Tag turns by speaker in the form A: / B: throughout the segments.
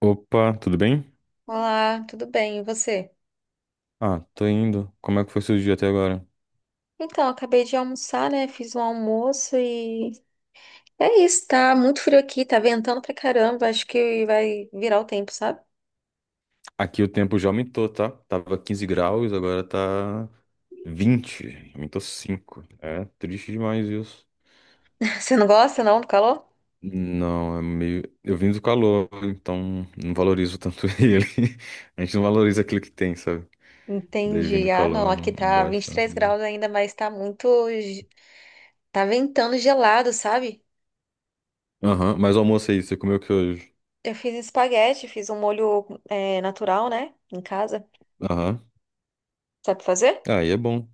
A: Opa, tudo bem?
B: Olá, tudo bem? E você?
A: Ah, tô indo. Como é que foi seu dia até agora?
B: Então, acabei de almoçar, né? Fiz um almoço e é isso, tá muito frio aqui, tá ventando pra caramba. Acho que vai virar o tempo, sabe?
A: Aqui o tempo já aumentou, tá? Tava 15 graus, agora tá 20. Aumentou 5. É triste demais isso.
B: Você não gosta, não, do calor?
A: Não, é meio. Eu vim do calor, então não valorizo tanto ele. A gente não valoriza aquilo que tem, sabe? Daí vindo
B: Entendi.
A: do
B: Ah, não,
A: calor, não,
B: aqui
A: não
B: tá
A: gosto
B: vinte e
A: tanto
B: três
A: dele.
B: graus ainda, mas tá muito. Tá ventando gelado, sabe?
A: Aham, mas o almoço aí, você comeu o que hoje?
B: Eu fiz espaguete, fiz um molho natural, né? Em casa.
A: Aham.
B: Sabe fazer?
A: Ah, aí é bom.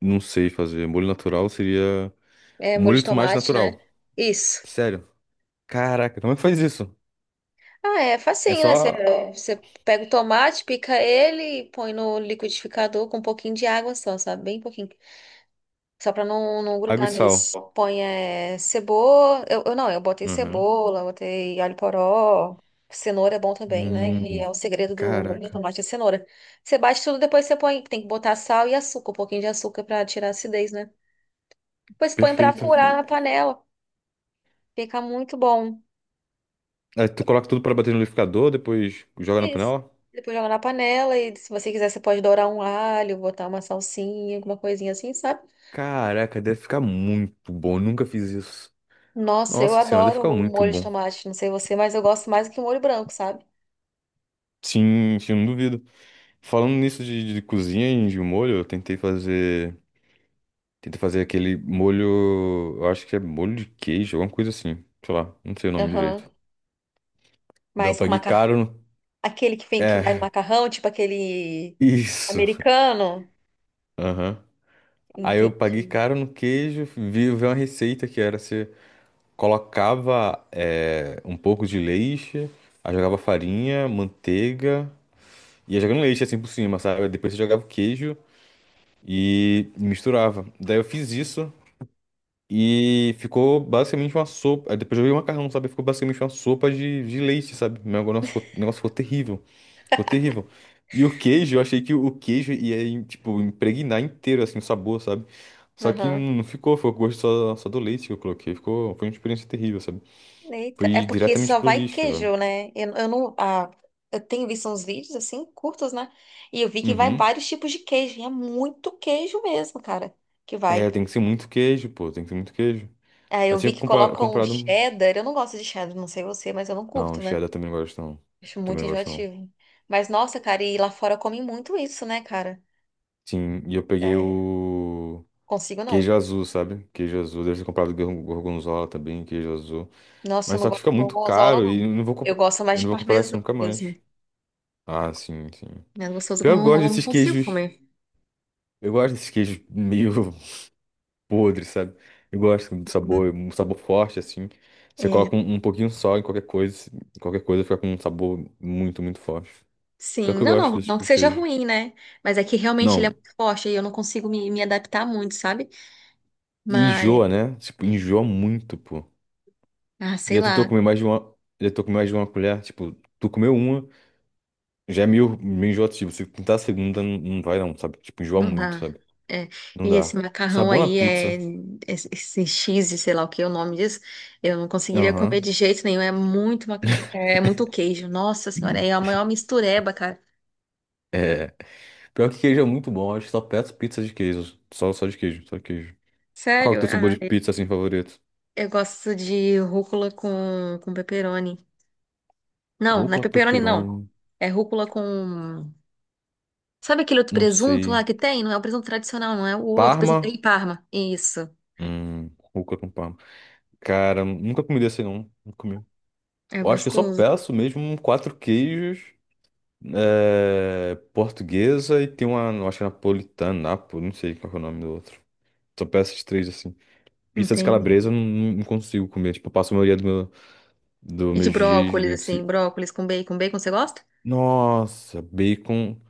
A: Não sei fazer. Molho natural seria.
B: É,
A: O
B: molho
A: molho
B: de
A: de tomate
B: tomate, né?
A: natural.
B: Isso.
A: Sério. Caraca, como é que faz isso?
B: Ah, é
A: É
B: facinho, né? Você,
A: só
B: você pega o tomate, pica ele, põe no liquidificador com um pouquinho de água só, sabe? Bem pouquinho. Só pra não
A: água e
B: grudar
A: sal.
B: mesmo. Põe cebola. Eu não, eu botei
A: Uhum.
B: cebola, botei alho poró. Cenoura é bom também, né? E
A: Hum,
B: é o segredo do
A: caraca,
B: tomate é cenoura. Você bate tudo, depois você põe. Tem que botar sal e açúcar, um pouquinho de açúcar pra tirar a acidez, né? Depois põe pra
A: perfeito.
B: furar na panela. Fica muito bom.
A: Aí tu coloca tudo pra bater no liquidificador, depois joga na
B: Isso.
A: panela?
B: Depois joga na panela e se você quiser, você pode dourar um alho, botar uma salsinha, alguma coisinha assim, sabe?
A: Caraca, deve ficar muito bom. Nunca fiz isso.
B: Nossa, eu
A: Nossa senhora, deve
B: adoro
A: ficar
B: o
A: muito
B: molho de
A: bom.
B: tomate, não sei você, mas eu gosto mais do que o molho branco, sabe?
A: Sim, sim, não duvido. Falando nisso de cozinha e de molho, eu tentei fazer. Tentei fazer aquele molho. Eu acho que é molho de queijo, alguma coisa assim. Sei lá, não sei o nome
B: Aham.
A: direito. Daí eu
B: Mas com
A: paguei caro.
B: macarrão, aquele que
A: É,
B: vai no macarrão, tipo aquele
A: isso.
B: americano,
A: Aham. Aí eu paguei
B: entendi.
A: caro no queijo, vi uma receita que era você colocava um pouco de leite, aí jogava farinha, manteiga, ia jogando leite assim por cima, sabe? Depois você jogava o queijo e misturava. Daí eu fiz isso e ficou basicamente uma sopa. Aí depois eu joguei o macarrão, sabe? Ficou basicamente uma sopa de leite, sabe? O negócio ficou terrível. Ficou terrível. E o queijo, eu achei que o queijo ia, tipo, impregnar inteiro, assim, o sabor, sabe? Só que
B: Aham.
A: não ficou, foi o gosto só do leite que eu coloquei. Ficou, foi uma experiência terrível, sabe?
B: Eita, é
A: Foi
B: porque
A: diretamente
B: só
A: pro
B: vai
A: lixo, velho.
B: queijo, né? Eu não, ah, eu tenho visto uns vídeos assim, curtos, né? E eu vi que vai
A: Uhum.
B: vários tipos de queijo, e é muito queijo mesmo, cara, que vai.
A: É, tem que ser muito queijo, pô, tem que ser muito queijo.
B: Ah,
A: Eu
B: eu
A: tinha
B: vi que colocam
A: comprado um...
B: cheddar. Eu não gosto de cheddar, não sei você, mas eu não
A: Não,
B: curto, né?
A: cheddar também não gosto, não.
B: Acho
A: Também
B: muito
A: não gosto, não.
B: enjoativo. Mas nossa, cara, e lá fora comem muito isso, né, cara?
A: Sim, e eu peguei
B: É,
A: o
B: consigo não.
A: queijo azul, sabe? Queijo azul, deve ter comprado gorgonzola também, queijo azul.
B: Nossa, eu
A: Mas
B: não
A: só que
B: gosto
A: fica
B: de
A: muito
B: gorgonzola,
A: caro e
B: não. Eu gosto mais
A: eu
B: de
A: não vou comprar isso
B: parmesão
A: nunca mais.
B: mesmo.
A: Ah, sim, sim.
B: Mas gostoso
A: Pior que eu gosto
B: gorgonzola, eu não
A: desses
B: consigo
A: queijos.
B: comer.
A: Eu gosto desses queijos meio podres, sabe? Eu gosto do sabor, um sabor forte, assim. Você
B: É,
A: coloca um pouquinho só em qualquer coisa fica com um sabor muito, muito forte. Pior
B: sim,
A: que eu
B: não,
A: gosto
B: não,
A: desse
B: não
A: tipo
B: que
A: de
B: seja
A: queijo.
B: ruim, né? Mas é que realmente ele é
A: Não,
B: muito forte e eu não consigo me adaptar muito, sabe? Mas,
A: enjoa, né? Tipo, enjoa muito, pô.
B: ah, sei
A: Já tentou
B: lá.
A: comer mais de uma. Já tentou comer mais de uma colher? Tipo, tu comeu uma, já é meio enjoativo. Se tentar a segunda, não vai não, sabe? Tipo, enjoa
B: Não
A: muito,
B: dá.
A: sabe?
B: É.
A: Não
B: E
A: dá.
B: esse macarrão
A: Sabor na
B: aí é
A: pizza.
B: é esse cheese, sei lá o que é o nome disso. Eu não conseguiria comer
A: Aham.
B: de jeito nenhum. É muito macarrão, é muito queijo. Nossa senhora, é a maior mistureba, cara.
A: É. Pior que queijo é muito bom, acho que só peço pizza de queijo. Só, só de queijo, só de queijo. Qual que é o
B: Sério?
A: teu sabor
B: Ah,
A: de
B: é,
A: pizza assim favorito?
B: eu gosto de rúcula com pepperoni. Não, não é
A: Rúcula com
B: pepperoni não.
A: pepperoni,
B: É rúcula com Sabe aquele outro
A: não
B: presunto lá
A: sei.
B: que tem? Não é o presunto tradicional, não é o outro, presunto em
A: Parma?
B: Parma. Isso.
A: Hum, rúcula com parma. Cara, nunca comi desse não, nunca comi.
B: É
A: Eu acho que eu só
B: gostoso.
A: peço mesmo quatro queijos, é, portuguesa e tem uma, eu acho que é napolitana, napo, não sei qual que é o nome do outro. Só peço esses três assim. Pizza de calabresa
B: Entendi.
A: eu não, não consigo comer, tipo, eu passo a maioria do meu, dos
B: E de
A: meus dias
B: brócolis
A: meio que
B: assim,
A: se...
B: brócolis com bacon. Bacon você gosta?
A: Nossa, bacon.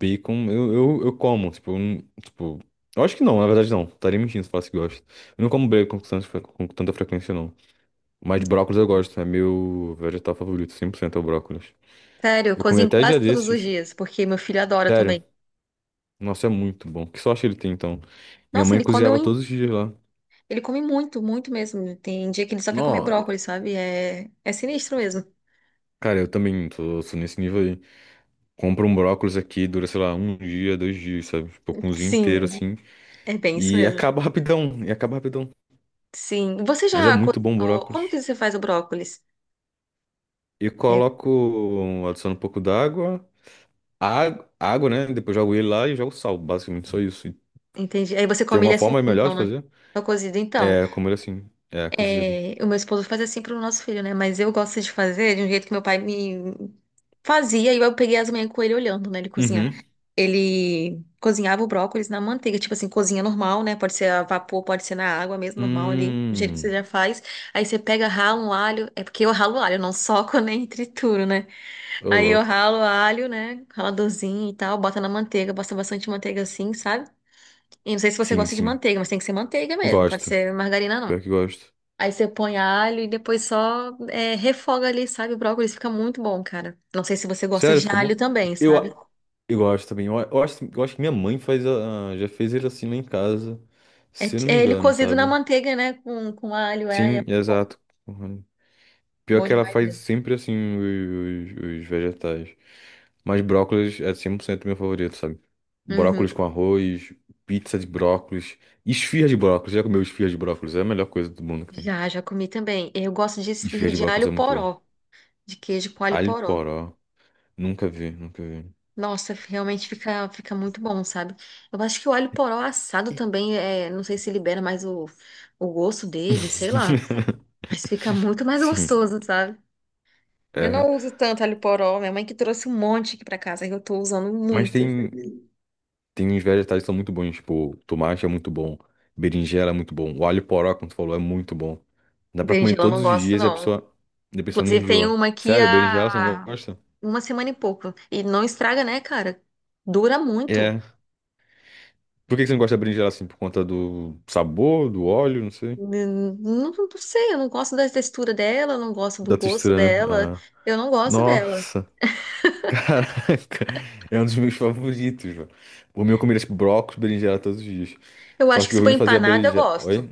A: Bacon, eu como, tipo, eu não- tipo, eu acho que não, na verdade não, estaria mentindo se falasse que gosto. Eu não como bacon com com tanta frequência, não. Mas brócolis eu gosto, é meu vegetal favorito, 100% é o brócolis.
B: Sério, eu
A: Eu comi
B: cozinho
A: até dia
B: quase todos os
A: desses,
B: dias, porque meu filho adora
A: sério,
B: também.
A: nossa, é muito bom. Que sorte ele tem, então. Minha
B: Nossa,
A: mãe cozinhava todos os dias lá.
B: ele come muito, muito mesmo. Tem dia que ele só quer comer
A: Não,
B: brócolis, sabe? É, é sinistro mesmo.
A: cara, eu também tô nesse nível aí. Compro um brócolis aqui, dura, sei lá, um dia, 2 dias, sabe? Tipo, cozinho
B: Sim,
A: inteiro, assim,
B: é bem isso
A: e
B: mesmo.
A: acaba rapidão, e acaba rapidão.
B: Sim. Você
A: Mas é
B: já
A: muito bom o
B: cozinhou? Como
A: brócolis.
B: que você faz o brócolis?
A: E
B: É,
A: coloco, adiciono um pouco d'água, água, água, né? Depois jogo ele lá e jogo sal, basicamente, só isso. E
B: entendi. Aí você
A: tem
B: come ele
A: alguma
B: assim,
A: forma melhor
B: então,
A: de
B: né?
A: fazer?
B: Só cozido, então.
A: É, como ele é assim, é, cozido.
B: É, o meu esposo faz assim pro nosso filho, né? Mas eu gosto de fazer de um jeito que meu pai me fazia e eu peguei as manhãs com ele olhando, né? Ele cozinhar.
A: Uhum.
B: Ele cozinhava o brócolis na manteiga, tipo assim, cozinha normal, né? Pode ser a vapor, pode ser na água mesmo, normal ali, do jeito que você
A: Hum,
B: já faz. Aí você pega, rala um alho, é porque eu ralo alho, eu não soco nem trituro, né?
A: ô
B: Aí eu
A: louco.
B: ralo alho, né? Raladorzinho e tal, bota na manteiga, bota bastante manteiga assim, sabe? E não sei se você
A: Sim,
B: gosta de
A: sim.
B: manteiga, mas tem que ser manteiga mesmo, pode
A: Gosto.
B: ser margarina não.
A: Pior que gosto.
B: Aí você põe alho e depois só refoga ali, sabe? O brócolis fica muito bom, cara. Não sei se você gosta
A: Sério,
B: de
A: fica
B: alho
A: bom?
B: também,
A: Eu,
B: sabe?
A: a- eu gosto também. Eu acho que minha mãe faz, a, já fez ele assim lá em casa,
B: É,
A: se eu não me
B: é ele
A: engano,
B: cozido na
A: sabe?
B: manteiga, né? Com alho, é, é
A: Sim,
B: muito bom.
A: exato. Pior
B: Bom
A: que ela
B: demais
A: faz
B: mesmo.
A: sempre assim os vegetais. Mas brócolis é 100% meu favorito, sabe? Brócolis
B: Uhum.
A: com arroz, pizza de brócolis, esfirra de brócolis. Já comeu esfirra de brócolis? É a melhor coisa do mundo que tem.
B: Já, já comi também. Eu gosto de
A: Esfirra
B: esfirra
A: de
B: de
A: brócolis é
B: alho
A: muito bom.
B: poró, de queijo com alho
A: Alho
B: poró.
A: poró. Nunca vi, nunca vi.
B: Nossa, realmente fica, fica muito bom, sabe? Eu acho que o alho poró assado também, é, não sei se libera mais o gosto dele, sei lá. Mas fica muito mais
A: Sim,
B: gostoso, sabe? Eu
A: é.
B: não uso tanto alho poró. Minha mãe que trouxe um monte aqui pra casa, que eu tô usando
A: Mas
B: muito.
A: tem. Tem uns vegetais que são muito bons, tipo, tomate é muito bom, berinjela é muito bom, o alho poró, como tu falou, é muito bom. Dá pra comer
B: Berinjela eu não
A: todos os
B: gosto,
A: dias
B: não.
A: e a pessoa não
B: Inclusive, tem
A: enjoa.
B: uma aqui
A: Sério, berinjela você não
B: há
A: gosta?
B: uma semana e pouco. E não estraga, né, cara? Dura muito.
A: É. Por que que você não gosta da berinjela assim? Por conta do sabor, do óleo, não sei.
B: Não, não sei, eu não gosto da textura dela, eu não gosto do
A: Da
B: gosto
A: textura, né?
B: dela.
A: Ah.
B: Eu não gosto dela.
A: Nossa, caraca, é um dos meus favoritos, velho. O meu eu comeria, tipo, brócolis, berinjela todos os dias.
B: Eu
A: Só
B: acho que
A: que o
B: se for
A: Rino fazia
B: empanada, eu
A: berinjela.
B: gosto.
A: Oi?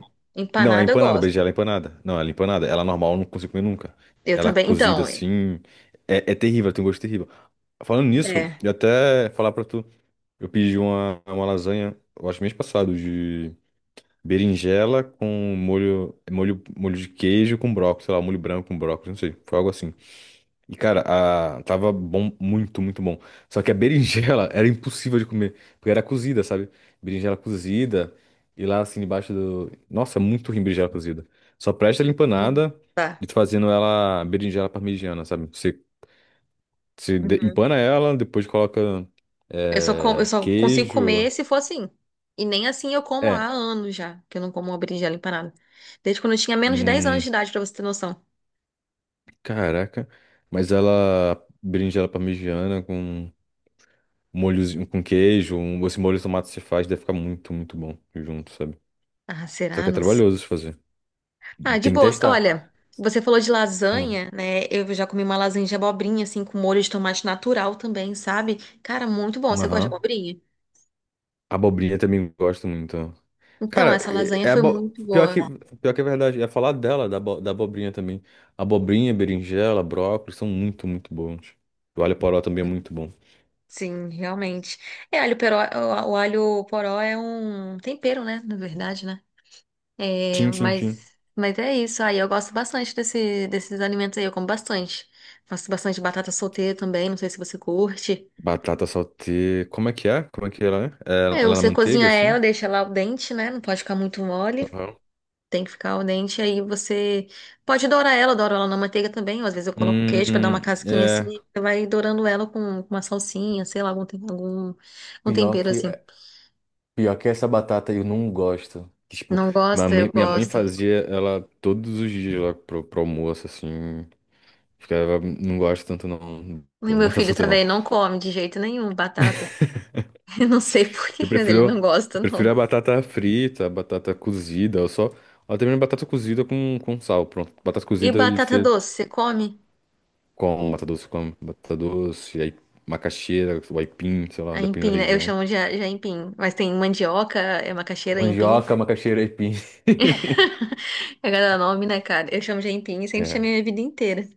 A: Não, é
B: Empanada, eu
A: empanada,
B: gosto.
A: berinjela é empanada. Não, ela é empanada. Ela normal eu não consigo comer nunca.
B: Eu
A: Ela é
B: também.
A: cozida
B: Então, é.
A: assim. É, é terrível, ela tem um gosto terrível. Falando nisso,
B: É.
A: eu até falar pra tu. Eu pedi uma lasanha, eu acho mês passado, de berinjela com molho, molho de queijo com brócolis, sei lá, molho branco com brócolis, não sei. Foi algo assim. E, cara, a... tava bom, muito, muito bom. Só que a berinjela era impossível de comer, porque era cozida, sabe? Berinjela cozida, e lá assim, debaixo do. Nossa, é muito ruim berinjela cozida. Só presta ela empanada
B: Tá.
A: e tu fazendo ela berinjela parmegiana, sabe? Você,
B: Uhum.
A: empana ela, depois coloca
B: Eu só consigo comer
A: queijo.
B: se for assim. E nem assim eu como há
A: É,
B: anos já, que eu não como uma berinjela empanada. Desde quando eu tinha menos de 10 anos
A: hum,
B: de idade, pra você ter noção.
A: caraca. Mas ela, berinjela parmegiana com molhozinho, com queijo, um, esse molho de tomate que você faz, deve ficar muito, muito bom junto, sabe?
B: Ah,
A: Só
B: será?
A: que é
B: Não sei.
A: trabalhoso de fazer.
B: Ah, de
A: Tem que
B: boas.
A: testar.
B: Olha, você falou de
A: Uma.
B: lasanha, né? Eu já comi uma lasanha de abobrinha, assim, com molho de tomate natural também, sabe? Cara, muito bom.
A: Uma
B: Você gosta de
A: rã.
B: abobrinha?
A: Abobrinha também gosto muito.
B: Então,
A: Cara,
B: essa lasanha
A: é
B: foi muito boa.
A: pior que é verdade. Ia falar dela, da, da abobrinha também. Abobrinha, berinjela, brócolis são muito, muito bons. O alho poró também é muito bom.
B: Sim, realmente. É, alho peró, o alho poró é um tempero, né? Na verdade, né? É,
A: Tchim, tchim, tchim.
B: mas é isso. Aí eu gosto bastante desses alimentos aí, eu como bastante. Faço bastante batata solteira também, não sei se você curte.
A: Batata saltê. Como é que é? Como é que ela é? Ela
B: É,
A: é na
B: você cozinha
A: manteiga,
B: ela,
A: assim?
B: deixa ela al dente, né? Não pode ficar muito mole.
A: Aham.
B: Tem que ficar al dente. Aí você pode dourar ela, douro ela na manteiga também. Ou às vezes eu coloco queijo pra dar uma casquinha assim.
A: É.
B: E Você vai dourando ela com uma salsinha, sei lá, algum, algum
A: Pior
B: tempero assim.
A: que. Pior que essa batata eu não gosto. Tipo,
B: Não gosta? Eu
A: minha mãe
B: gosto.
A: fazia ela todos os dias lá pro almoço, assim. Ficava, não gosto tanto não.
B: E meu
A: Batata
B: filho
A: solteira não.
B: também não come de jeito nenhum batata. Eu não sei por
A: Eu
B: quê, mas ele não
A: prefiro,
B: gosta,
A: eu
B: não.
A: prefiro a batata frita, a batata cozida, ou só. Ou também batata cozida com sal, pronto. Batata
B: E
A: cozida e
B: batata
A: você
B: doce, você come?
A: com batata doce, aí macaxeira, o aipim, sei lá,
B: A
A: depende da
B: aipim, né? Eu
A: região.
B: chamo de, a- de aipim, mas tem mandioca, é macaxeira, aipim,
A: Mandioca,
B: né?
A: macaxeira e aipim.
B: É cada nome, né, cara? Eu chamo de aipim e sempre
A: É,
B: chamei minha vida inteira.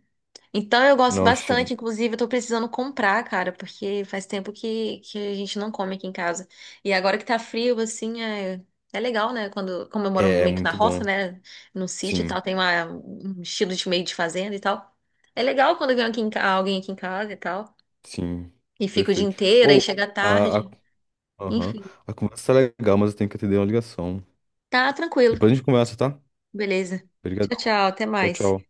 B: Então eu gosto
A: não,
B: bastante, inclusive eu tô precisando comprar, cara, porque faz tempo que a gente não come aqui em casa. E agora que tá frio, assim, é, é legal, né? Quando, como eu moro
A: é
B: meio que na
A: muito
B: roça,
A: bom.
B: né? No sítio e
A: Sim.
B: tal, tem uma, um estilo de meio de fazenda e tal. É legal quando vem alguém aqui em casa e tal.
A: Sim,
B: E fico o dia
A: perfeito.
B: inteiro, aí
A: Ou,
B: chega
A: a, a,
B: tarde.
A: aham, a conversa tá legal, mas eu tenho que atender uma ligação.
B: Tá
A: Depois
B: tranquilo.
A: a gente conversa, tá?
B: Beleza. Tchau,
A: Obrigadão.
B: tchau. Até
A: Tchau,
B: mais.
A: tchau.